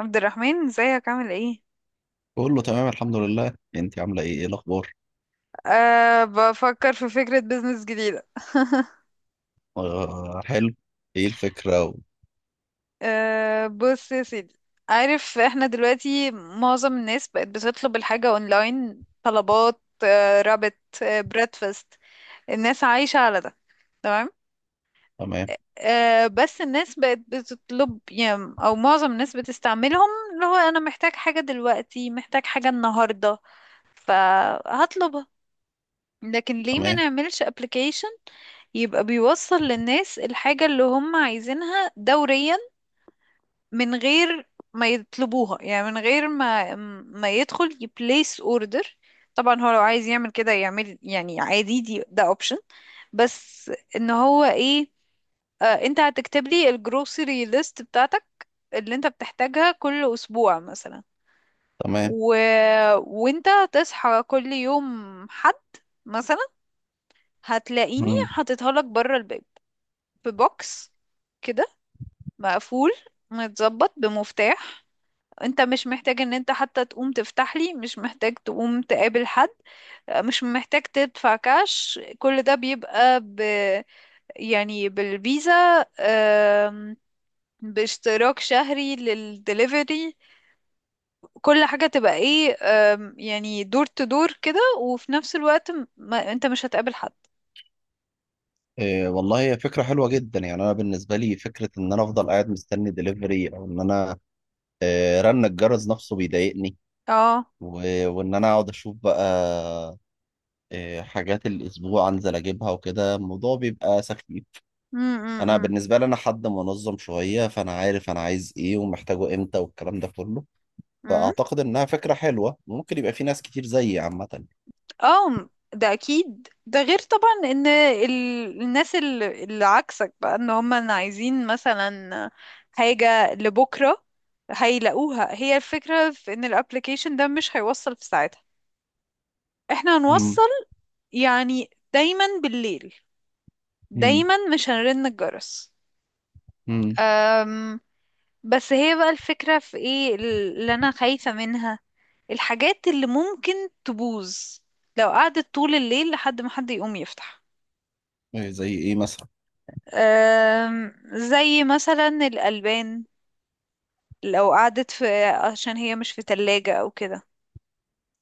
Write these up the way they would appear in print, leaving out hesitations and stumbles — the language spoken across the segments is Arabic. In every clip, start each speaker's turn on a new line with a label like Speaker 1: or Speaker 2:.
Speaker 1: عبد الرحمن، ازيك؟ عامل ايه؟
Speaker 2: بقول له تمام الحمد لله. انت عامله ايه، ايه الاخبار؟
Speaker 1: بفكر في فكرة بيزنس جديدة.
Speaker 2: آه حلو. ايه الفكره
Speaker 1: بص يا سيدي، عارف احنا دلوقتي معظم الناس بقت بتطلب الحاجة اونلاين، طلبات، رابط، بريدفاست، الناس عايشة على ده، تمام.
Speaker 2: تمام.
Speaker 1: بس الناس بقت بتطلب، يعني او معظم الناس بتستعملهم، اللي هو انا محتاج حاجة دلوقتي، محتاج حاجة النهاردة، فهطلبها. لكن ليه ما
Speaker 2: تمام
Speaker 1: نعملش application؟ يبقى بيوصل للناس الحاجة اللي هم عايزينها دوريا، من غير ما يطلبوها، يعني من غير ما يدخل يبليس اوردر. طبعا هو لو عايز يعمل كده يعمل، يعني عادي، ده اوبشن. بس ان هو ايه، انت هتكتب لي الجروسري ليست بتاعتك، اللي انت بتحتاجها كل اسبوع مثلا.
Speaker 2: تمام.
Speaker 1: و... وانت تصحى كل يوم، حد مثلا، هتلاقيني
Speaker 2: مم.
Speaker 1: حاططها لك بره الباب، في بوكس كده، مقفول، متظبط بمفتاح. انت مش محتاج ان انت حتى تقوم تفتح لي، مش محتاج تقوم تقابل حد، مش محتاج تدفع كاش. كل ده بيبقى يعني بالفيزا، آم، باشتراك شهري للدليفري. كل حاجة تبقى ايه، يعني دور تدور كده، وفي نفس الوقت م- ما... انت مش هتقابل حد.
Speaker 2: إيه والله هي فكره حلوه جدا. يعني انا بالنسبه لي فكره ان انا افضل قاعد مستني دليفري او ان انا رن الجرس نفسه بيضايقني
Speaker 1: اه.
Speaker 2: و... وان انا اقعد اشوف بقى حاجات الاسبوع انزل اجيبها وكده الموضوع بيبقى سخيف.
Speaker 1: م- م-
Speaker 2: انا
Speaker 1: م-
Speaker 2: بالنسبه لي انا حد منظم شويه، فانا عارف انا عايز ايه ومحتاجه امتى والكلام ده كله.
Speaker 1: م.
Speaker 2: فأعتقد إنها فكرة حلوة، ممكن يبقى في ناس كتير زيي عامة.
Speaker 1: اه. ده اكيد، ده غير طبعا ان الناس، اللي عكسك بقى ان هم عايزين مثلا حاجة لبكرة، هيلاقوها. هي الفكرة في ان الابليكيشن ده مش هيوصل في ساعتها، احنا
Speaker 2: مم.
Speaker 1: هنوصل يعني دايما بالليل،
Speaker 2: مم.
Speaker 1: دايما مش هنرن الجرس.
Speaker 2: مم.
Speaker 1: أم بس هي بقى الفكرة في ايه اللي انا خايفة منها، الحاجات اللي ممكن تبوظ لو قعدت طول الليل لحد ما حد يقوم يفتح.
Speaker 2: إيه زي إيه مثلا؟
Speaker 1: زي مثلا الألبان، لو قعدت في، عشان هي مش في تلاجة أو كده،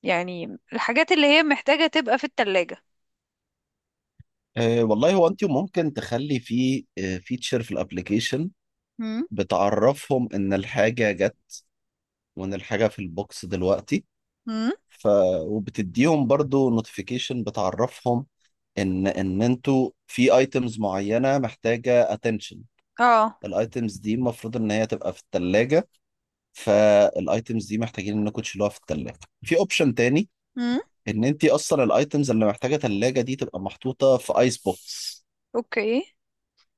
Speaker 1: يعني الحاجات اللي هي محتاجة تبقى في التلاجة.
Speaker 2: أه والله هو أنت ممكن تخلي في فيتشر في الأبليكيشن
Speaker 1: مم.
Speaker 2: بتعرفهم إن الحاجة جت، وإن الحاجة في البوكس دلوقتي.
Speaker 1: امم.
Speaker 2: ف وبتديهم برضو نوتيفيكيشن بتعرفهم إن أنتوا في أيتمز معينة محتاجة attention.
Speaker 1: اه.
Speaker 2: الأيتمز دي المفروض إن هي تبقى في التلاجة، فالأيتمز دي محتاجين إنكم تشيلوها في التلاجة. في أوبشن تاني،
Speaker 1: امم.
Speaker 2: ان انت اصلا الايتمز اللي محتاجه ثلاجه دي تبقى محطوطه في ايس بوكس،
Speaker 1: اوكي.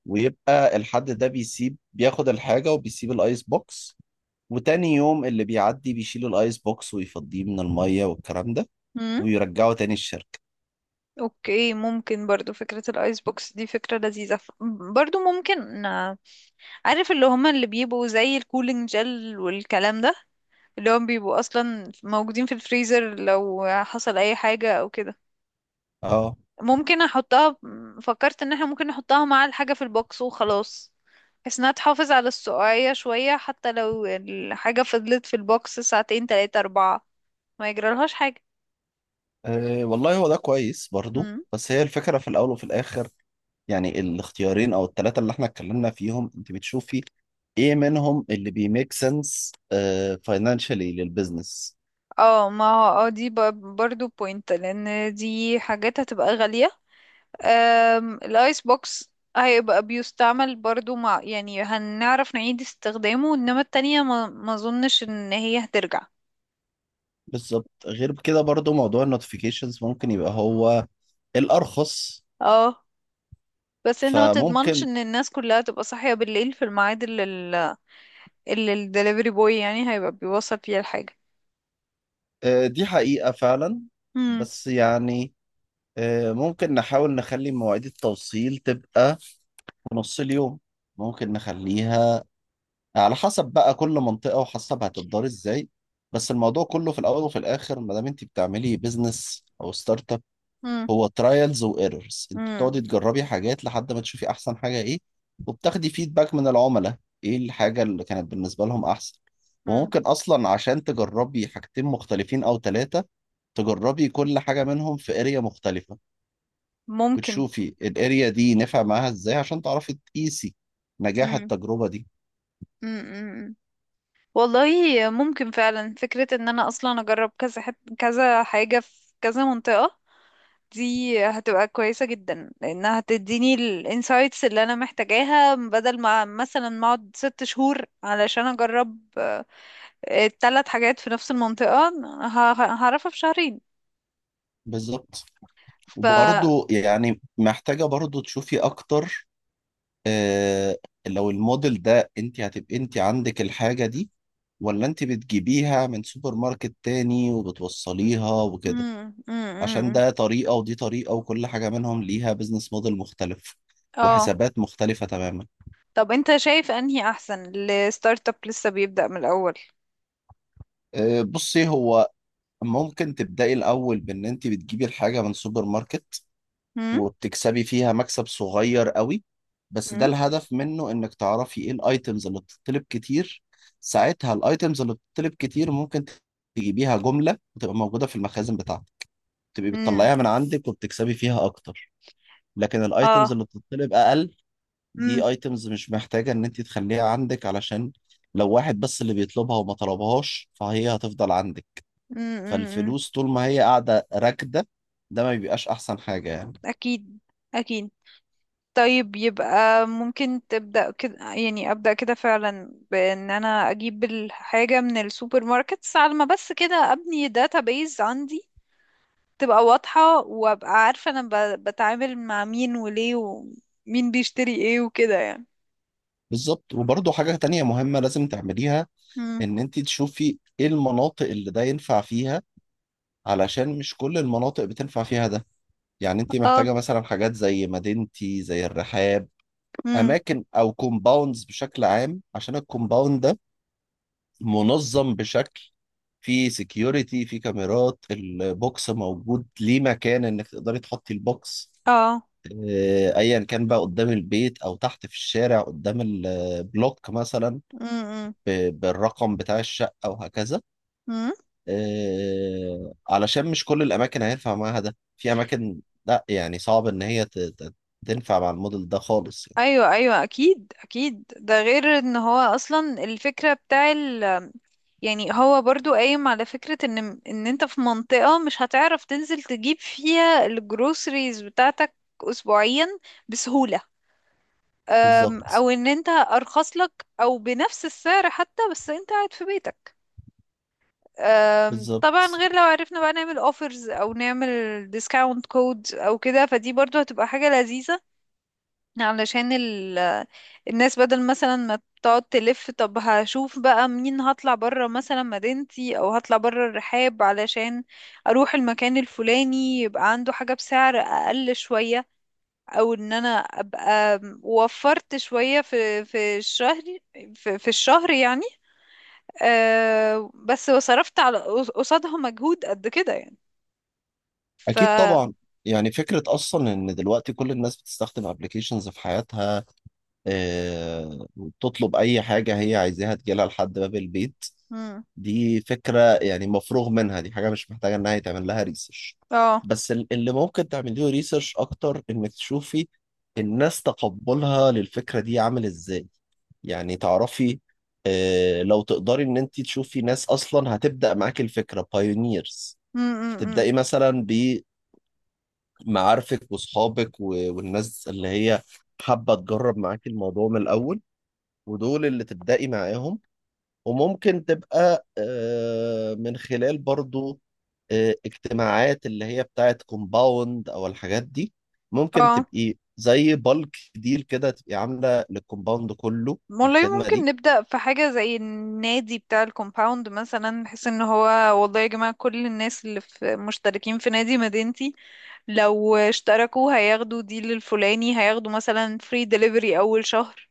Speaker 2: ويبقى الحد ده بيسيب، بياخد الحاجه وبيسيب الايس بوكس. وتاني يوم اللي بيعدي بيشيل الايس بوكس ويفضيه من الميه والكلام ده،
Speaker 1: امم.
Speaker 2: ويرجعه تاني الشركه.
Speaker 1: اوكي، ممكن برضو فكرة الايس بوكس دي فكرة لذيذة، برضو ممكن. عارف اللي هما اللي بيبقوا زي الكولينج جل والكلام ده، اللي هم بيبقوا اصلا موجودين في الفريزر، لو حصل اي حاجة او كده
Speaker 2: اه.
Speaker 1: ممكن احطها. فكرت ان احنا ممكن نحطها مع الحاجة في البوكس وخلاص، بحيث انها تحافظ على السقعية شوية، حتى لو الحاجة فضلت في البوكس ساعتين تلاتة اربعة ما يجرالهاش حاجة.
Speaker 2: آه، والله هو ده كويس برضو.
Speaker 1: مم.
Speaker 2: بس هي الفكره في الاول وفي الاخر، يعني الاختيارين او الثلاثه اللي احنا اتكلمنا فيهم، انت بتشوفي ايه منهم اللي بيميك سنس فاينانشالي للبزنس.
Speaker 1: اه، ما هو، اه دي برضو بوينت، لان دي حاجات هتبقى غالية. الايس بوكس هيبقى بيستعمل برضو، مع يعني هنعرف نعيد استخدامه، انما التانية ما اظنش ان هي هترجع.
Speaker 2: بالظبط، غير كده برضو موضوع النوتيفيكيشنز ممكن يبقى هو الأرخص.
Speaker 1: اه. بس انت ما تضمنش
Speaker 2: فممكن.
Speaker 1: ان الناس كلها تبقى صاحية بالليل في الميعاد اللي الدليفري بوي يعني هيبقى بيوصل فيها الحاجة.
Speaker 2: آه، دي حقيقة فعلا.
Speaker 1: مم.
Speaker 2: بس يعني، آه، ممكن نحاول نخلي مواعيد التوصيل تبقى في نص اليوم. ممكن نخليها على حسب بقى كل منطقة، وحسب هتدار ازاي. بس الموضوع كله في الأول وفي الآخر، ما دام انت بتعملي بيزنس أو ستارت،
Speaker 1: مم.
Speaker 2: هو ترايلز وايرورز. انت
Speaker 1: مم.
Speaker 2: بتقعدي تجربي حاجات لحد ما تشوفي احسن حاجه ايه، وبتاخدي فيدباك من العملاء ايه الحاجه اللي كانت بالنسبه لهم احسن.
Speaker 1: مم.
Speaker 2: وممكن اصلا عشان تجربي حاجتين مختلفين او ثلاثه، تجربي كل حاجه منهم في اريا مختلفه،
Speaker 1: ممكن.
Speaker 2: وتشوفي الاريا دي نفع معاها ازاي عشان تعرفي تقيسي نجاح
Speaker 1: مم.
Speaker 2: التجربه دي.
Speaker 1: مم. مم. والله ممكن فعلا فكرة ان انا اصلا اجرب كذا كذا حاجة في كذا منطقة، دي هتبقى كويسة جدا لانها هتديني الانسايتس اللي انا محتاجاها، بدل ما مثلا ما اقعد 6 شهور علشان اجرب الثلاث حاجات في نفس المنطقة، هعرفها في شهرين.
Speaker 2: بالظبط.
Speaker 1: ف
Speaker 2: وبرضه يعني محتاجه برضه تشوفي اكتر، آه، لو الموديل ده انت هتبقى انت عندك الحاجة دي، ولا انت بتجيبيها من سوبر ماركت تاني وبتوصليها وكده.
Speaker 1: مم، مم،
Speaker 2: عشان
Speaker 1: مم.
Speaker 2: ده طريقة ودي طريقة، وكل حاجة منهم ليها بزنس موديل مختلف
Speaker 1: اه.
Speaker 2: وحسابات مختلفة تماما.
Speaker 1: طب انت شايف انهي احسن؟ الستارت اب لسه بيبدأ من الاول.
Speaker 2: آه بصي، هو ممكن تبدأي الأول بإن انت بتجيبي الحاجة من سوبر ماركت،
Speaker 1: مم؟
Speaker 2: وبتكسبي فيها مكسب صغير قوي. بس ده
Speaker 1: مم؟
Speaker 2: الهدف منه انك تعرفي ايه الايتمز اللي بتطلب كتير. ساعتها الايتمز اللي بتطلب كتير ممكن تجيبيها جملة، وتبقى موجودة في المخازن بتاعتك، تبقي
Speaker 1: مم.
Speaker 2: بتطلعيها من عندك وبتكسبي فيها اكتر. لكن الايتمز
Speaker 1: اه.
Speaker 2: اللي بتطلب اقل، دي
Speaker 1: مم.
Speaker 2: ايتمز مش محتاجة ان انت تخليها عندك، علشان لو واحد بس اللي بيطلبها وما طلبهاش، فهي هتفضل عندك.
Speaker 1: مم، مم، مم.
Speaker 2: فالفلوس طول ما هي قاعدة راكدة، ده ما بيبقاش احسن حاجة يعني.
Speaker 1: اكيد، اكيد. طيب، يبقى ممكن تبدأ كده، يعني أبدأ كده فعلا بأن أنا أجيب الحاجة من السوبر ماركتس، على ما بس كده أبني بيز عندي، تبقى واضحة وأبقى عارفة أنا بتعامل مع مين وليه ومين بيشتري إيه وكده يعني.
Speaker 2: بالظبط. وبرضه حاجة تانية مهمة لازم تعمليها،
Speaker 1: مم.
Speaker 2: ان انت تشوفي ايه المناطق اللي ده ينفع فيها، علشان مش كل المناطق بتنفع فيها ده. يعني انت
Speaker 1: اه.
Speaker 2: محتاجة مثلا حاجات زي مدينتي زي الرحاب،
Speaker 1: امم.
Speaker 2: اماكن او كومباوندز بشكل عام. عشان الكومباوند ده منظم بشكل، في سكيورتي، في كاميرات، البوكس موجود ليه مكان انك تقدري تحطي البوكس،
Speaker 1: اه.
Speaker 2: آه، ايا كان بقى قدام البيت او تحت في الشارع قدام البلوك مثلا،
Speaker 1: امم.
Speaker 2: بالرقم بتاع الشقة وهكذا.
Speaker 1: امم.
Speaker 2: آه، علشان مش كل الأماكن هينفع معاها ده. في أماكن لا، يعني صعب إن هي تنفع مع الموديل ده خالص يعني.
Speaker 1: ايوه، ايوه، اكيد، اكيد، ده غير ان هو اصلا الفكره بتاع يعني هو برضو قايم على فكره ان انت في منطقه مش هتعرف تنزل تجيب فيها الجروسريز بتاعتك اسبوعيا، بسهوله.
Speaker 2: بالظبط.
Speaker 1: او ان انت ارخص لك او بنفس السعر حتى بس انت قاعد في بيتك.
Speaker 2: بالظبط.
Speaker 1: طبعا غير لو عرفنا بقى نعمل اوفرز او نعمل ديسكاونت كود او كده، فدي برضو هتبقى حاجه لذيذه، علشان الناس بدل مثلا ما تقعد تلف. طب هشوف بقى منين، هطلع برا مثلا مدينتي او هطلع برا الرحاب علشان اروح المكان الفلاني يبقى عنده حاجة بسعر اقل شوية، او ان انا ابقى وفرت شوية في الشهر، في الشهر يعني. بس وصرفت على قصادها مجهود قد كده يعني. ف
Speaker 2: أكيد طبعا. يعني فكرة أصلا إن دلوقتي كل الناس بتستخدم أبلكيشنز في حياتها، آه، وبتطلب أي حاجة هي عايزاها تجيلها لحد باب البيت،
Speaker 1: مم.
Speaker 2: دي فكرة يعني مفروغ منها. دي حاجة مش محتاجة إنها يتعمل لها ريسيرش.
Speaker 1: اه.
Speaker 2: بس اللي ممكن تعملي له ريسيرش أكتر، إنك تشوفي الناس تقبلها للفكرة دي عامل إزاي. يعني تعرفي، آه، لو تقدري إن أنت تشوفي ناس أصلا هتبدأ معاكي الفكرة بايونيرز،
Speaker 1: مم، مم، مم،
Speaker 2: فتبدأي مثلا بمعارفك وأصحابك والناس اللي هي حابة تجرب معاكي الموضوع من الأول، ودول اللي تبدأي معاهم. وممكن تبقى آه، من خلال برضو، آه، اجتماعات اللي هي بتاعت كومباوند او الحاجات دي. ممكن
Speaker 1: آه.
Speaker 2: تبقي زي بالك ديل كده تبقي عامله للكومباوند كله
Speaker 1: والله
Speaker 2: الخدمه
Speaker 1: ممكن
Speaker 2: دي.
Speaker 1: نبدأ في حاجة زي النادي بتاع الكومباوند مثلا، نحس ان هو والله يا جماعة كل الناس اللي في مشتركين في نادي مدينتي لو اشتركوا هياخدوا ديل الفلاني، هياخدوا مثلا فري دليفري أول شهر،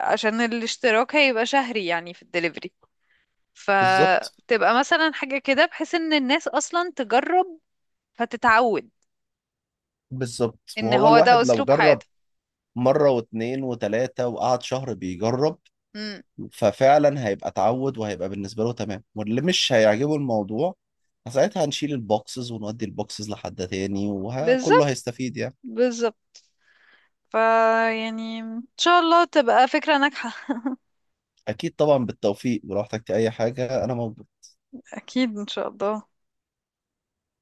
Speaker 1: عشان الاشتراك هيبقى شهري يعني في الدليفري،
Speaker 2: بالظبط.
Speaker 1: فتبقى مثلا حاجة كده بحيث ان الناس أصلا تجرب، فتتعود
Speaker 2: بالظبط.
Speaker 1: ان
Speaker 2: وهو
Speaker 1: هو ده
Speaker 2: الواحد لو
Speaker 1: أسلوب
Speaker 2: جرب
Speaker 1: حياتها.
Speaker 2: مره واتنين وتلاته وقعد شهر بيجرب،
Speaker 1: مم.
Speaker 2: ففعلا هيبقى اتعود وهيبقى بالنسبه له تمام. واللي مش هيعجبه الموضوع ساعتها هنشيل البوكسز ونودي البوكسز لحد تاني، وكله
Speaker 1: بالظبط،
Speaker 2: هيستفيد يعني.
Speaker 1: بالظبط، فيعني ان شاء الله تبقى فكرة ناجحة.
Speaker 2: اكيد طبعا، بالتوفيق. ولو احتجت اي حاجه انا موجود.
Speaker 1: أكيد إن شاء الله.